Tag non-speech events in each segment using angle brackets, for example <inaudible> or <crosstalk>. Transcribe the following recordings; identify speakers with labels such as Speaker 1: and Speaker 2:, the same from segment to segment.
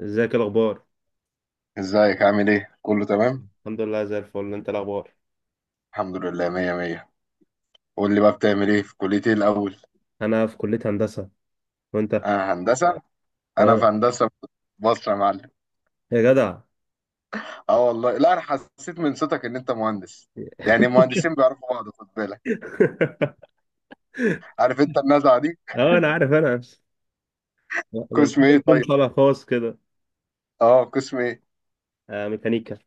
Speaker 1: ازيك؟ الاخبار؟
Speaker 2: ازيك عامل ايه؟ كله تمام؟
Speaker 1: الحمد لله، زي الفل. انت الاخبار؟
Speaker 2: الحمد لله مية مية. قول لي بقى بتعمل ايه في كلية ايه الأول؟
Speaker 1: انا في كلية هندسة، وانت؟
Speaker 2: أنا هندسة؟ أنا في
Speaker 1: اه.
Speaker 2: هندسة مصر يا معلم.
Speaker 1: يا جدع. <laughs>
Speaker 2: اه والله لا، أنا حسيت من صوتك إن أنت مهندس. يعني المهندسين بيعرفوا بعض، خد بالك. عارف أنت النزعة دي؟
Speaker 1: اه، انا عارف، انا نفسي، ما انت
Speaker 2: قسم ايه
Speaker 1: كنتم
Speaker 2: طيب؟
Speaker 1: طالع خاص كده.
Speaker 2: اه، قسم ايه؟
Speaker 1: آه، ميكانيكا.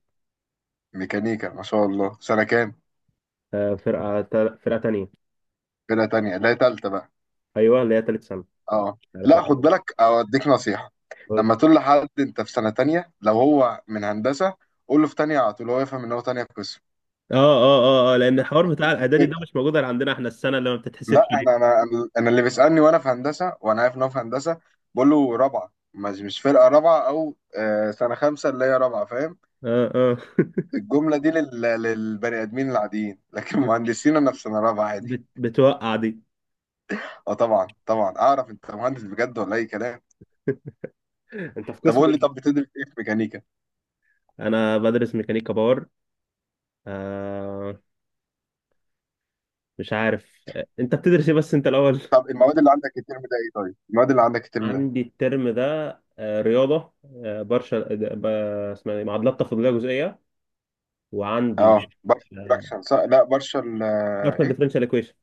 Speaker 2: ميكانيكا ما شاء الله، سنة كام؟
Speaker 1: آه، فرقة تانية.
Speaker 2: فرقة تانية لا تالتة بقى.
Speaker 1: ايوه، اللي هي تالت سنة.
Speaker 2: اه.
Speaker 1: مش عارف
Speaker 2: لا خد
Speaker 1: ايه.
Speaker 2: بالك أوديك نصيحة.
Speaker 1: هي. اه،
Speaker 2: لما تقول لحد أنت في سنة تانية لو هو من هندسة، قول له في تانية على طول هو يفهم إن هو تانية قسم.
Speaker 1: اه، اه، اه، لان الحوار بتاع الاعدادي ده مش موجود غير عندنا احنا، السنة اللي ما بتتحسبش
Speaker 2: لا
Speaker 1: دي.
Speaker 2: انا اللي بيسالني وانا في هندسه وانا عارف ان هو في هندسه، بقول له رابعه مش فرقه رابعه او سنه خمسه اللي هي رابعه فاهم.
Speaker 1: اه، اه. <laughs>
Speaker 2: الجمله دي للبني ادمين العاديين <laughs> لكن
Speaker 1: بت
Speaker 2: مهندسين انا في سنه رابعه عادي.
Speaker 1: بت بتوقع دي.
Speaker 2: اه طبعا طبعا، اعرف انت مهندس بجد ولا اي كلام.
Speaker 1: انت في
Speaker 2: طب
Speaker 1: قسم
Speaker 2: قول لي،
Speaker 1: ايه؟
Speaker 2: طب بتدرس ايه في ميكانيكا؟
Speaker 1: انا بدرس ميكانيكا باور. آه. مش عارف. انت بتدرس ايه بس، انت الاول؟
Speaker 2: طب المواد اللي عندك الترم ده ايه طيب المواد اللي عندك الترم ده؟
Speaker 1: عندي الترم ده رياضة، بارشل اسمها إيه؟ معادلات تفاضلية جزئية. وعندي
Speaker 2: اه بارشل براكشن صح؟ لا بارشل
Speaker 1: بارشل
Speaker 2: ايه.
Speaker 1: ديفرنشال ايكويشن.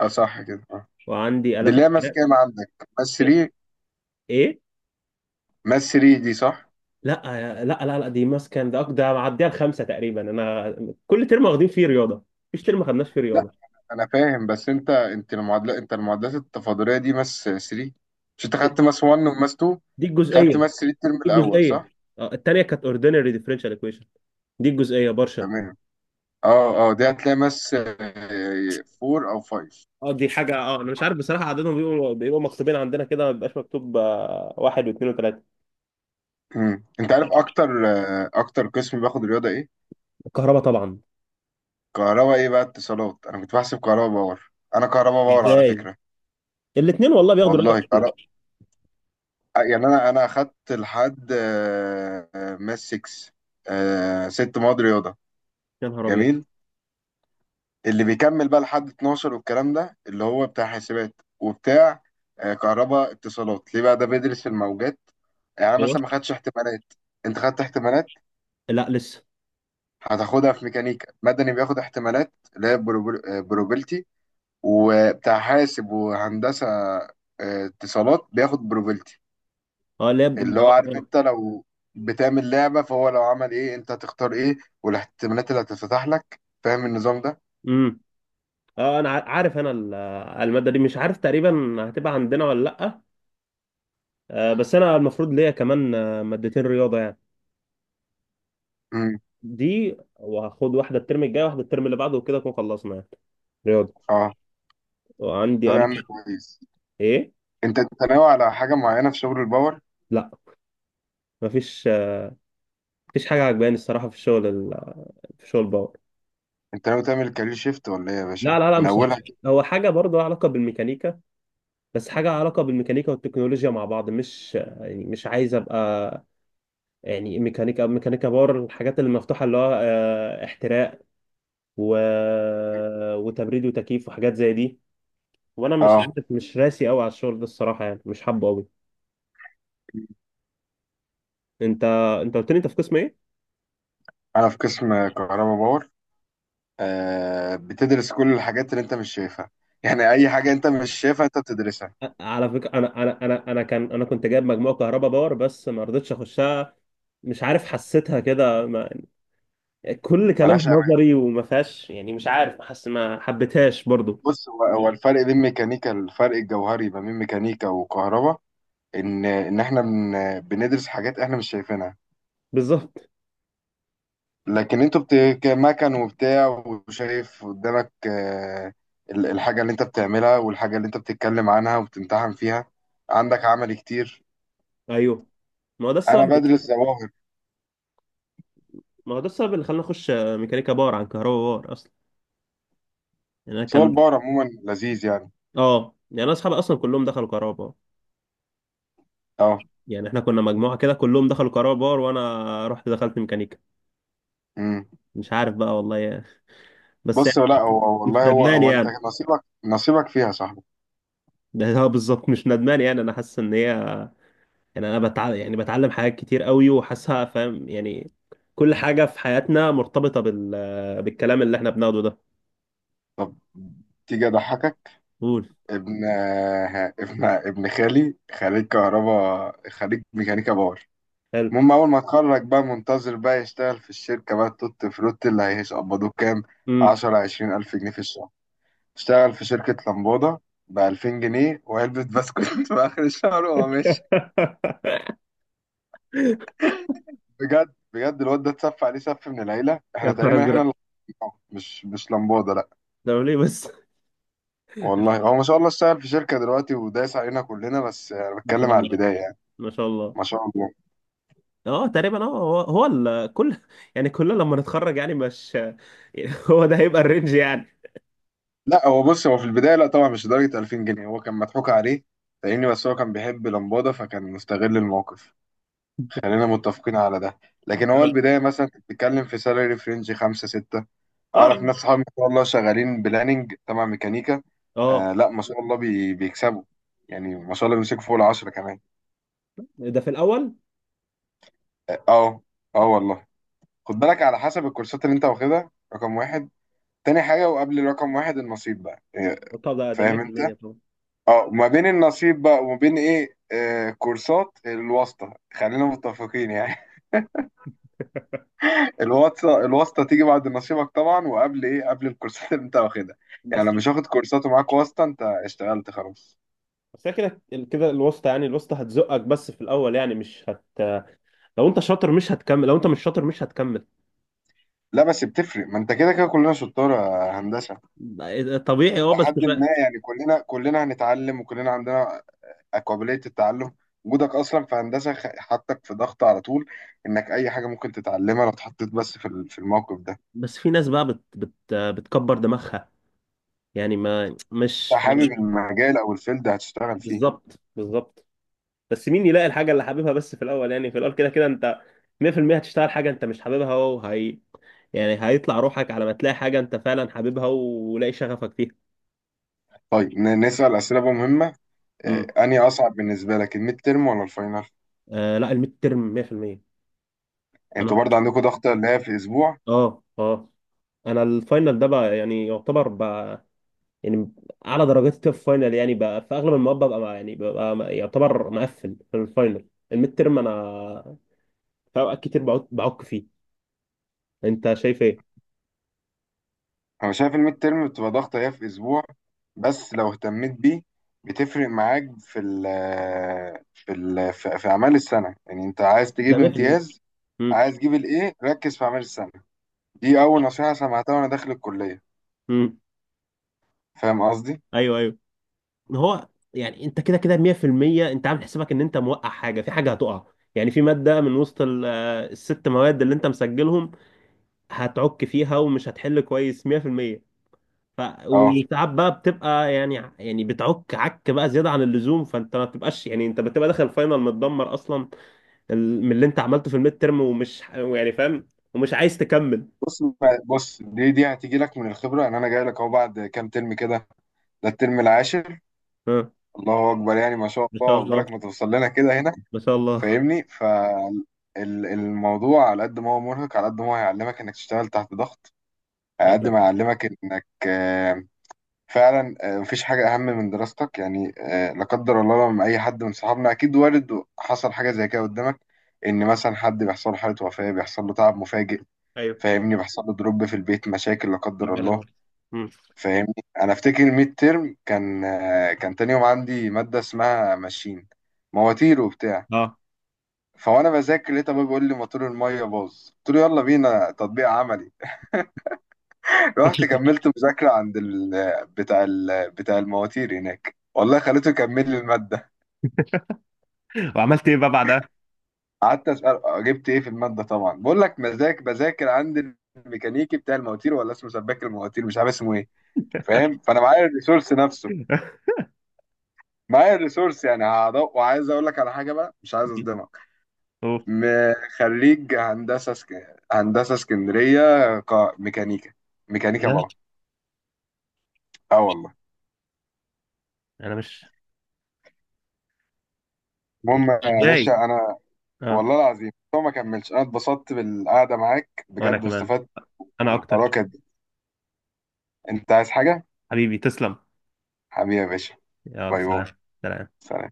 Speaker 2: اه صح كده اه.
Speaker 1: وعندي
Speaker 2: دي
Speaker 1: آلات
Speaker 2: اللي هي ماس
Speaker 1: احتراق.
Speaker 2: كام، عندك ماس
Speaker 1: ايه؟
Speaker 2: 3؟
Speaker 1: إيه؟
Speaker 2: ماس 3 دي صح؟
Speaker 1: لا. لا، لا، لا، دي ماسكه، ده معديها الخمسة تقريبا انا. كل ترم واخدين فيه رياضة. مفيش ترم ما خدناش فيه رياضة.
Speaker 2: انا فاهم، بس انت انت المعادلات انت المعادلات التفاضليه دي ماس 3. مش انت خدت ماس 1 وماس 2،
Speaker 1: دي الجزئية.
Speaker 2: خدت
Speaker 1: دي
Speaker 2: ماس 3 الترم الاول
Speaker 1: الجزئية.
Speaker 2: صح؟
Speaker 1: التانية كانت اوردينري ديفرنشال ايكويشن. دي الجزئية بارشل.
Speaker 2: تمام. اه اه، دي هتلاقي ماس 4 او 5.
Speaker 1: اه، دي حاجة. اه، انا مش عارف بصراحة عددهم، بيبقوا مكتوبين عندنا كده، ما بيبقاش مكتوب واحد واثنين وثلاثة.
Speaker 2: انت عارف اكتر اكتر قسم باخد رياضه ايه؟
Speaker 1: الكهرباء طبعا.
Speaker 2: كهرباء ايه بقى، اتصالات؟ انا كنت بحسب كهرباء باور، انا كهرباء باور على
Speaker 1: ازاي؟
Speaker 2: فكره.
Speaker 1: الاثنين والله بياخدوا راتب
Speaker 2: والله
Speaker 1: كتير.
Speaker 2: كهرباء. يعني انا اخدت لحد ماس 6. ست مواد رياضه.
Speaker 1: يا نهار ابيض.
Speaker 2: جميل. اللي بيكمل بقى لحد 12 والكلام ده اللي هو بتاع حاسبات وبتاع كهرباء اتصالات، ليه بقى ده بيدرس الموجات. يعني أنا
Speaker 1: ايوه.
Speaker 2: مثلا ما خدتش احتمالات، انت خدت احتمالات.
Speaker 1: لا، لسه.
Speaker 2: هتاخدها في ميكانيكا. مدني بياخد احتمالات اللي هي بروبلتي. وبتاع حاسب وهندسة اتصالات بياخد بروبلتي.
Speaker 1: اه، لاب.
Speaker 2: اللي هو عارف،
Speaker 1: اه.
Speaker 2: انت لو بتعمل لعبة فهو لو عمل ايه انت هتختار ايه، والاحتمالات اللي هتتفتح لك، فاهم النظام ده؟
Speaker 1: امم. اه، انا عارف، انا الماده دي مش عارف تقريبا هتبقى عندنا ولا لا. بس انا المفروض ليا كمان مادتين رياضه يعني.
Speaker 2: امم.
Speaker 1: دي، وهاخد واحده الترم الجاي، واحده الترم اللي بعده، وكده اكون خلصنا يعني رياضه.
Speaker 2: اه طب
Speaker 1: وعندي
Speaker 2: يا عم
Speaker 1: ألف.
Speaker 2: كويس.
Speaker 1: ايه؟
Speaker 2: انت ناوي على حاجه معينه في شغل الباور؟
Speaker 1: لا. مفيش. مفيش حاجه عجباني الصراحه في الشغل في شغل باور.
Speaker 2: انت ناوي تعمل كارير شيفت ولا ايه يا
Speaker 1: لا،
Speaker 2: باشا
Speaker 1: لا، لا،
Speaker 2: من
Speaker 1: مش
Speaker 2: اولها
Speaker 1: هيك.
Speaker 2: كده؟
Speaker 1: هو حاجه برضو لها علاقه بالميكانيكا. بس حاجة علاقة بالميكانيكا والتكنولوجيا مع بعض، مش يعني مش عايز أبقى يعني ميكانيكا، ميكانيكا باور، الحاجات اللي مفتوحة اللي هو احتراق و... وتبريد وتكييف وحاجات زي دي. وأنا مش
Speaker 2: اه،
Speaker 1: مش راسي أوي على الشغل ده الصراحة، يعني مش حابه أوي. أنت أنت قلت لي أنت في قسم إيه؟
Speaker 2: انا في قسم كهرباء باور. آه بتدرس كل الحاجات اللي انت مش شايفها. يعني اي حاجه انت مش شايفها انت بتدرسها.
Speaker 1: على فكرة أنا كنت جايب مجموعة كهرباء باور، بس ما رضيتش أخشها. مش عارف، حسيتها كده ما... كل كلام
Speaker 2: ملهاش امان.
Speaker 1: نظري وما فيهاش، يعني مش عارف، حاسس ما حبيتهاش برضو.
Speaker 2: بص، هو الفرق بين ميكانيكا، الفرق الجوهري ما بين ميكانيكا وكهرباء، ان احنا بندرس حاجات احنا مش شايفينها.
Speaker 1: بالظبط.
Speaker 2: لكن انتوا مكن وبتاع، وشايف قدامك الحاجة اللي انت بتعملها والحاجة اللي انت بتتكلم عنها وبتمتحن فيها. عندك عمل كتير.
Speaker 1: ايوه. ما هو ده
Speaker 2: انا
Speaker 1: السبب.
Speaker 2: بدرس ظواهر.
Speaker 1: ما هو ده السبب اللي خلاني اخش ميكانيكا باور عن كهرباء باور اصلا. يعني انا
Speaker 2: بس هو
Speaker 1: كان.
Speaker 2: البار عموما لذيذ يعني.
Speaker 1: اه، يعني انا اصحابي اصلا كلهم دخلوا كهرباء باور.
Speaker 2: اه.
Speaker 1: يعني احنا كنا مجموعه كده كلهم دخلوا كهرباء باور، وانا رحت دخلت ميكانيكا.
Speaker 2: امم.
Speaker 1: مش عارف بقى والله يا <laughs> أخي. بس
Speaker 2: بص،
Speaker 1: يعني،
Speaker 2: لا
Speaker 1: مش
Speaker 2: والله هو
Speaker 1: ندمان
Speaker 2: هو انت
Speaker 1: يعني.
Speaker 2: نصيبك نصيبك فيها يا صاحبي.
Speaker 1: <laughs> ده هو بالظبط مش ندمان، يعني انا حاسس ان هي، يعني انا بتعلم، يعني بتعلم حاجات كتير قوي، وحاسسها فاهم يعني. كل حاجه في حياتنا مرتبطه بالكلام اللي احنا بناخده ده.
Speaker 2: طب تيجي اضحكك.
Speaker 1: قول.
Speaker 2: ابن آه، ابن ابن خالي خريج كهرباء، خريج ميكانيكا باور.
Speaker 1: حلو.
Speaker 2: المهم أول ما اتخرج بقى منتظر بقى يشتغل في الشركة بقى، التوت فروت، اللي هيقبضوه كام؟
Speaker 1: امم.
Speaker 2: عشرة عشرين ألف جنيه في الشهر. اشتغل في شركة لمبودة بألفين جنيه وعلبة بسكوت <laughs> في آخر الشهر وهو ماشي.
Speaker 1: <laughs>
Speaker 2: بجد بجد، الواد ده اتسف عليه سف من العيلة،
Speaker 1: يا
Speaker 2: احنا
Speaker 1: نهار
Speaker 2: تقريبا
Speaker 1: ازرق.
Speaker 2: اللي. اه، مش لمبودة لأ.
Speaker 1: ده ليه بس؟
Speaker 2: والله هو ما شاء الله اشتغل في شركة دلوقتي ودايس علينا كلنا، بس أنا
Speaker 1: ما شاء
Speaker 2: بتكلم على
Speaker 1: الله.
Speaker 2: البداية يعني.
Speaker 1: ما شاء الله.
Speaker 2: ما شاء الله.
Speaker 1: اه، تقريبا، اه، هو كل <laughs> يعني كلنا لما نتخرج، يعني مش يعني، <laughs> هو ده هيبقى الرينج يعني.
Speaker 2: لا هو بص، هو في البداية لا طبعا مش لدرجة 2000 جنيه، هو كان مضحوك عليه. فاهمني، بس هو كان بيحب لمبادة فكان مستغل الموقف. خلينا متفقين على ده. لكن هو البداية مثلا كنت بتتكلم في سالري فرنج خمسة ستة.
Speaker 1: اه،
Speaker 2: أعرف ناس صحابي ما شاء الله شغالين بلاننج تبع ميكانيكا. آه
Speaker 1: اه.
Speaker 2: لا ما شاء الله بيكسبوا. يعني ما شاء الله بيمسكوا فوق العشرة كمان.
Speaker 1: ده في الاول.
Speaker 2: اه اه، آه والله. خد بالك على حسب الكورسات اللي انت واخدها، رقم واحد. تاني حاجة وقبل رقم واحد، النصيب بقى
Speaker 1: طب ده
Speaker 2: فاهم انت.
Speaker 1: 100% طبعا.
Speaker 2: اه، ما بين النصيب بقى وما بين ايه، آه كورسات الواسطة، خلينا متفقين يعني. <laughs> الواسطة، تيجي بعد نصيبك طبعا، وقبل ايه، قبل الكورسات اللي انت واخدها. يعني
Speaker 1: بس
Speaker 2: لو مش واخد كورسات ومعاك واسطة انت اشتغلت خلاص.
Speaker 1: بس هي كده كده، الوسطى يعني الوسطى هتزقك بس في الاول، يعني مش هت. لو انت شاطر مش هتكمل، لو انت مش شاطر مش هتكمل.
Speaker 2: لا بس بتفرق، ما انت كده كده كلنا شطار يا هندسة.
Speaker 1: طبيعي، اه، بس.
Speaker 2: لحد ما يعني كلنا هنتعلم وكلنا عندنا قابلية التعلم. وجودك اصلا في هندسة حطك في ضغط على طول، انك اي حاجة ممكن تتعلمها لو اتحطيت بس في الموقف ده.
Speaker 1: بس في ناس بقى بت بت بتكبر دماغها، يعني، ما مش
Speaker 2: انت حابب
Speaker 1: فاهم.
Speaker 2: المجال او الفيلد هتشتغل فيه.
Speaker 1: بالظبط، بالظبط. بس مين يلاقي الحاجه اللي حاببها، بس في الاول، يعني في الاول كده كده انت 100%. هتشتغل حاجه انت مش حاببها، وهي، يعني هيطلع روحك على ما تلاقي حاجه انت فعلا حاببها، ولاقي شغفك فيها.
Speaker 2: طيب نسأل أسئلة بقى مهمة.
Speaker 1: امم.
Speaker 2: أنهي أصعب بالنسبة لك، الميد ترم ولا الفاينل؟
Speaker 1: لا، الميد ترم 100%.
Speaker 2: أنتوا
Speaker 1: انا،
Speaker 2: برضه عندكم ضغطة اللي هي في أسبوع.
Speaker 1: اه، اه، انا الفاينل ده بقى يعني يعتبر بقى، يعني، اعلى درجاتي في الفاينل يعني بقى، في اغلب المواد ببقى يعني ببقى يعتبر مقفل في الفاينل. الميد ترم انا في اوقات كتير بعك بعك فيه. انت شايف ايه؟
Speaker 2: أنا شايف الميد ترم بتبقى ضغطة هي في أسبوع، بس لو اهتميت بيه بتفرق معاك في ال في ال في في أعمال السنة. يعني أنت عايز
Speaker 1: ده
Speaker 2: تجيب
Speaker 1: 100%.
Speaker 2: امتياز،
Speaker 1: امم،
Speaker 2: عايز تجيب الإيه، ركز في أعمال السنة. دي أول نصيحة سمعتها وأنا داخل الكلية.
Speaker 1: امم.
Speaker 2: فاهم قصدي؟
Speaker 1: ايوه، ايوه. هو يعني انت كده كده 100%. انت عامل حسابك ان انت موقع حاجه، في حاجه هتقع، يعني في ماده من وسط الست مواد اللي انت مسجلهم، هتعك فيها ومش هتحل كويس 100%. ف،
Speaker 2: أه.
Speaker 1: وساعات بقى بتبقى يعني بتعك عك بقى زياده عن اللزوم، فانت ما بتبقاش، يعني انت بتبقى داخل الفاينل متدمر اصلا، من اللي انت عملته في الميد ترم، ومش يعني فاهم، ومش عايز تكمل.
Speaker 2: بص بص دي هتيجي لك من الخبرة. يعني أنا جاي لك أهو بعد كام ترم كده، ده الترم العاشر.
Speaker 1: ها.
Speaker 2: الله اكبر، يعني ما شاء
Speaker 1: ما
Speaker 2: الله
Speaker 1: شاء الله.
Speaker 2: عقبالك ما توصل لنا كده هنا.
Speaker 1: ما شاء الله.
Speaker 2: فاهمني، فالموضوع على قد ما هو مرهق على قد ما هو هيعلمك انك تشتغل تحت ضغط، على قد ما
Speaker 1: <laughs>
Speaker 2: هيعلمك انك فعلا مفيش حاجه اهم من دراستك يعني. لا قدر الله، لما اي حد من صحابنا اكيد وارد حصل حاجه زي كده قدامك، ان مثلا حد بيحصل له حاله وفاه، بيحصل له تعب مفاجئ.
Speaker 1: ايوه.
Speaker 2: فاهمني، بيحصل له دروب في البيت، مشاكل، لا قدر
Speaker 1: ربنا
Speaker 2: الله.
Speaker 1: يعينك. مم.
Speaker 2: فاهمني. انا افتكر الميد ترم كان تاني يوم عندي ماده اسمها ماشين، مواتير وبتاع.
Speaker 1: اه.
Speaker 2: فوانا بذاكر لقيت ابويا بيقول لي موتور الميه باظ، قلت له يلا بينا تطبيق عملي. <laughs> رحت كملت
Speaker 1: <laughs>
Speaker 2: مذاكره عند بتاع المواتير هناك، والله خليته يكمل لي الماده.
Speaker 1: وعملت ايه بقى بعدها؟
Speaker 2: قعدت اسال جبت ايه في الماده طبعا، بقول لك بذاكر عند الميكانيكي بتاع المواتير، ولا اسمه سباك المواتير، مش عارف اسمه ايه. فاهم، فانا معايا الريسورس نفسه. معايا الريسورس، يعني هدق. وعايز اقول لك على حاجه بقى، مش عايز اصدمك.
Speaker 1: اوه.
Speaker 2: خريج هندسه اسكندريه، ق... ميكانيكا ميكانيكا
Speaker 1: لا،
Speaker 2: باور. اه والله.
Speaker 1: انا مش.
Speaker 2: المهم يا باشا
Speaker 1: ازاي؟
Speaker 2: انا،
Speaker 1: اه.
Speaker 2: والله العظيم هو ما كملش. انا اتبسطت بالقعده معاك
Speaker 1: وانا
Speaker 2: بجد
Speaker 1: كمان.
Speaker 2: واستفدت
Speaker 1: انا اكتر.
Speaker 2: والحركه دي. انت عايز حاجه؟
Speaker 1: حبيبي، تسلم.
Speaker 2: حبيبي يا باشا.
Speaker 1: يلا،
Speaker 2: باي باي.
Speaker 1: سلام. سلام.
Speaker 2: سلام.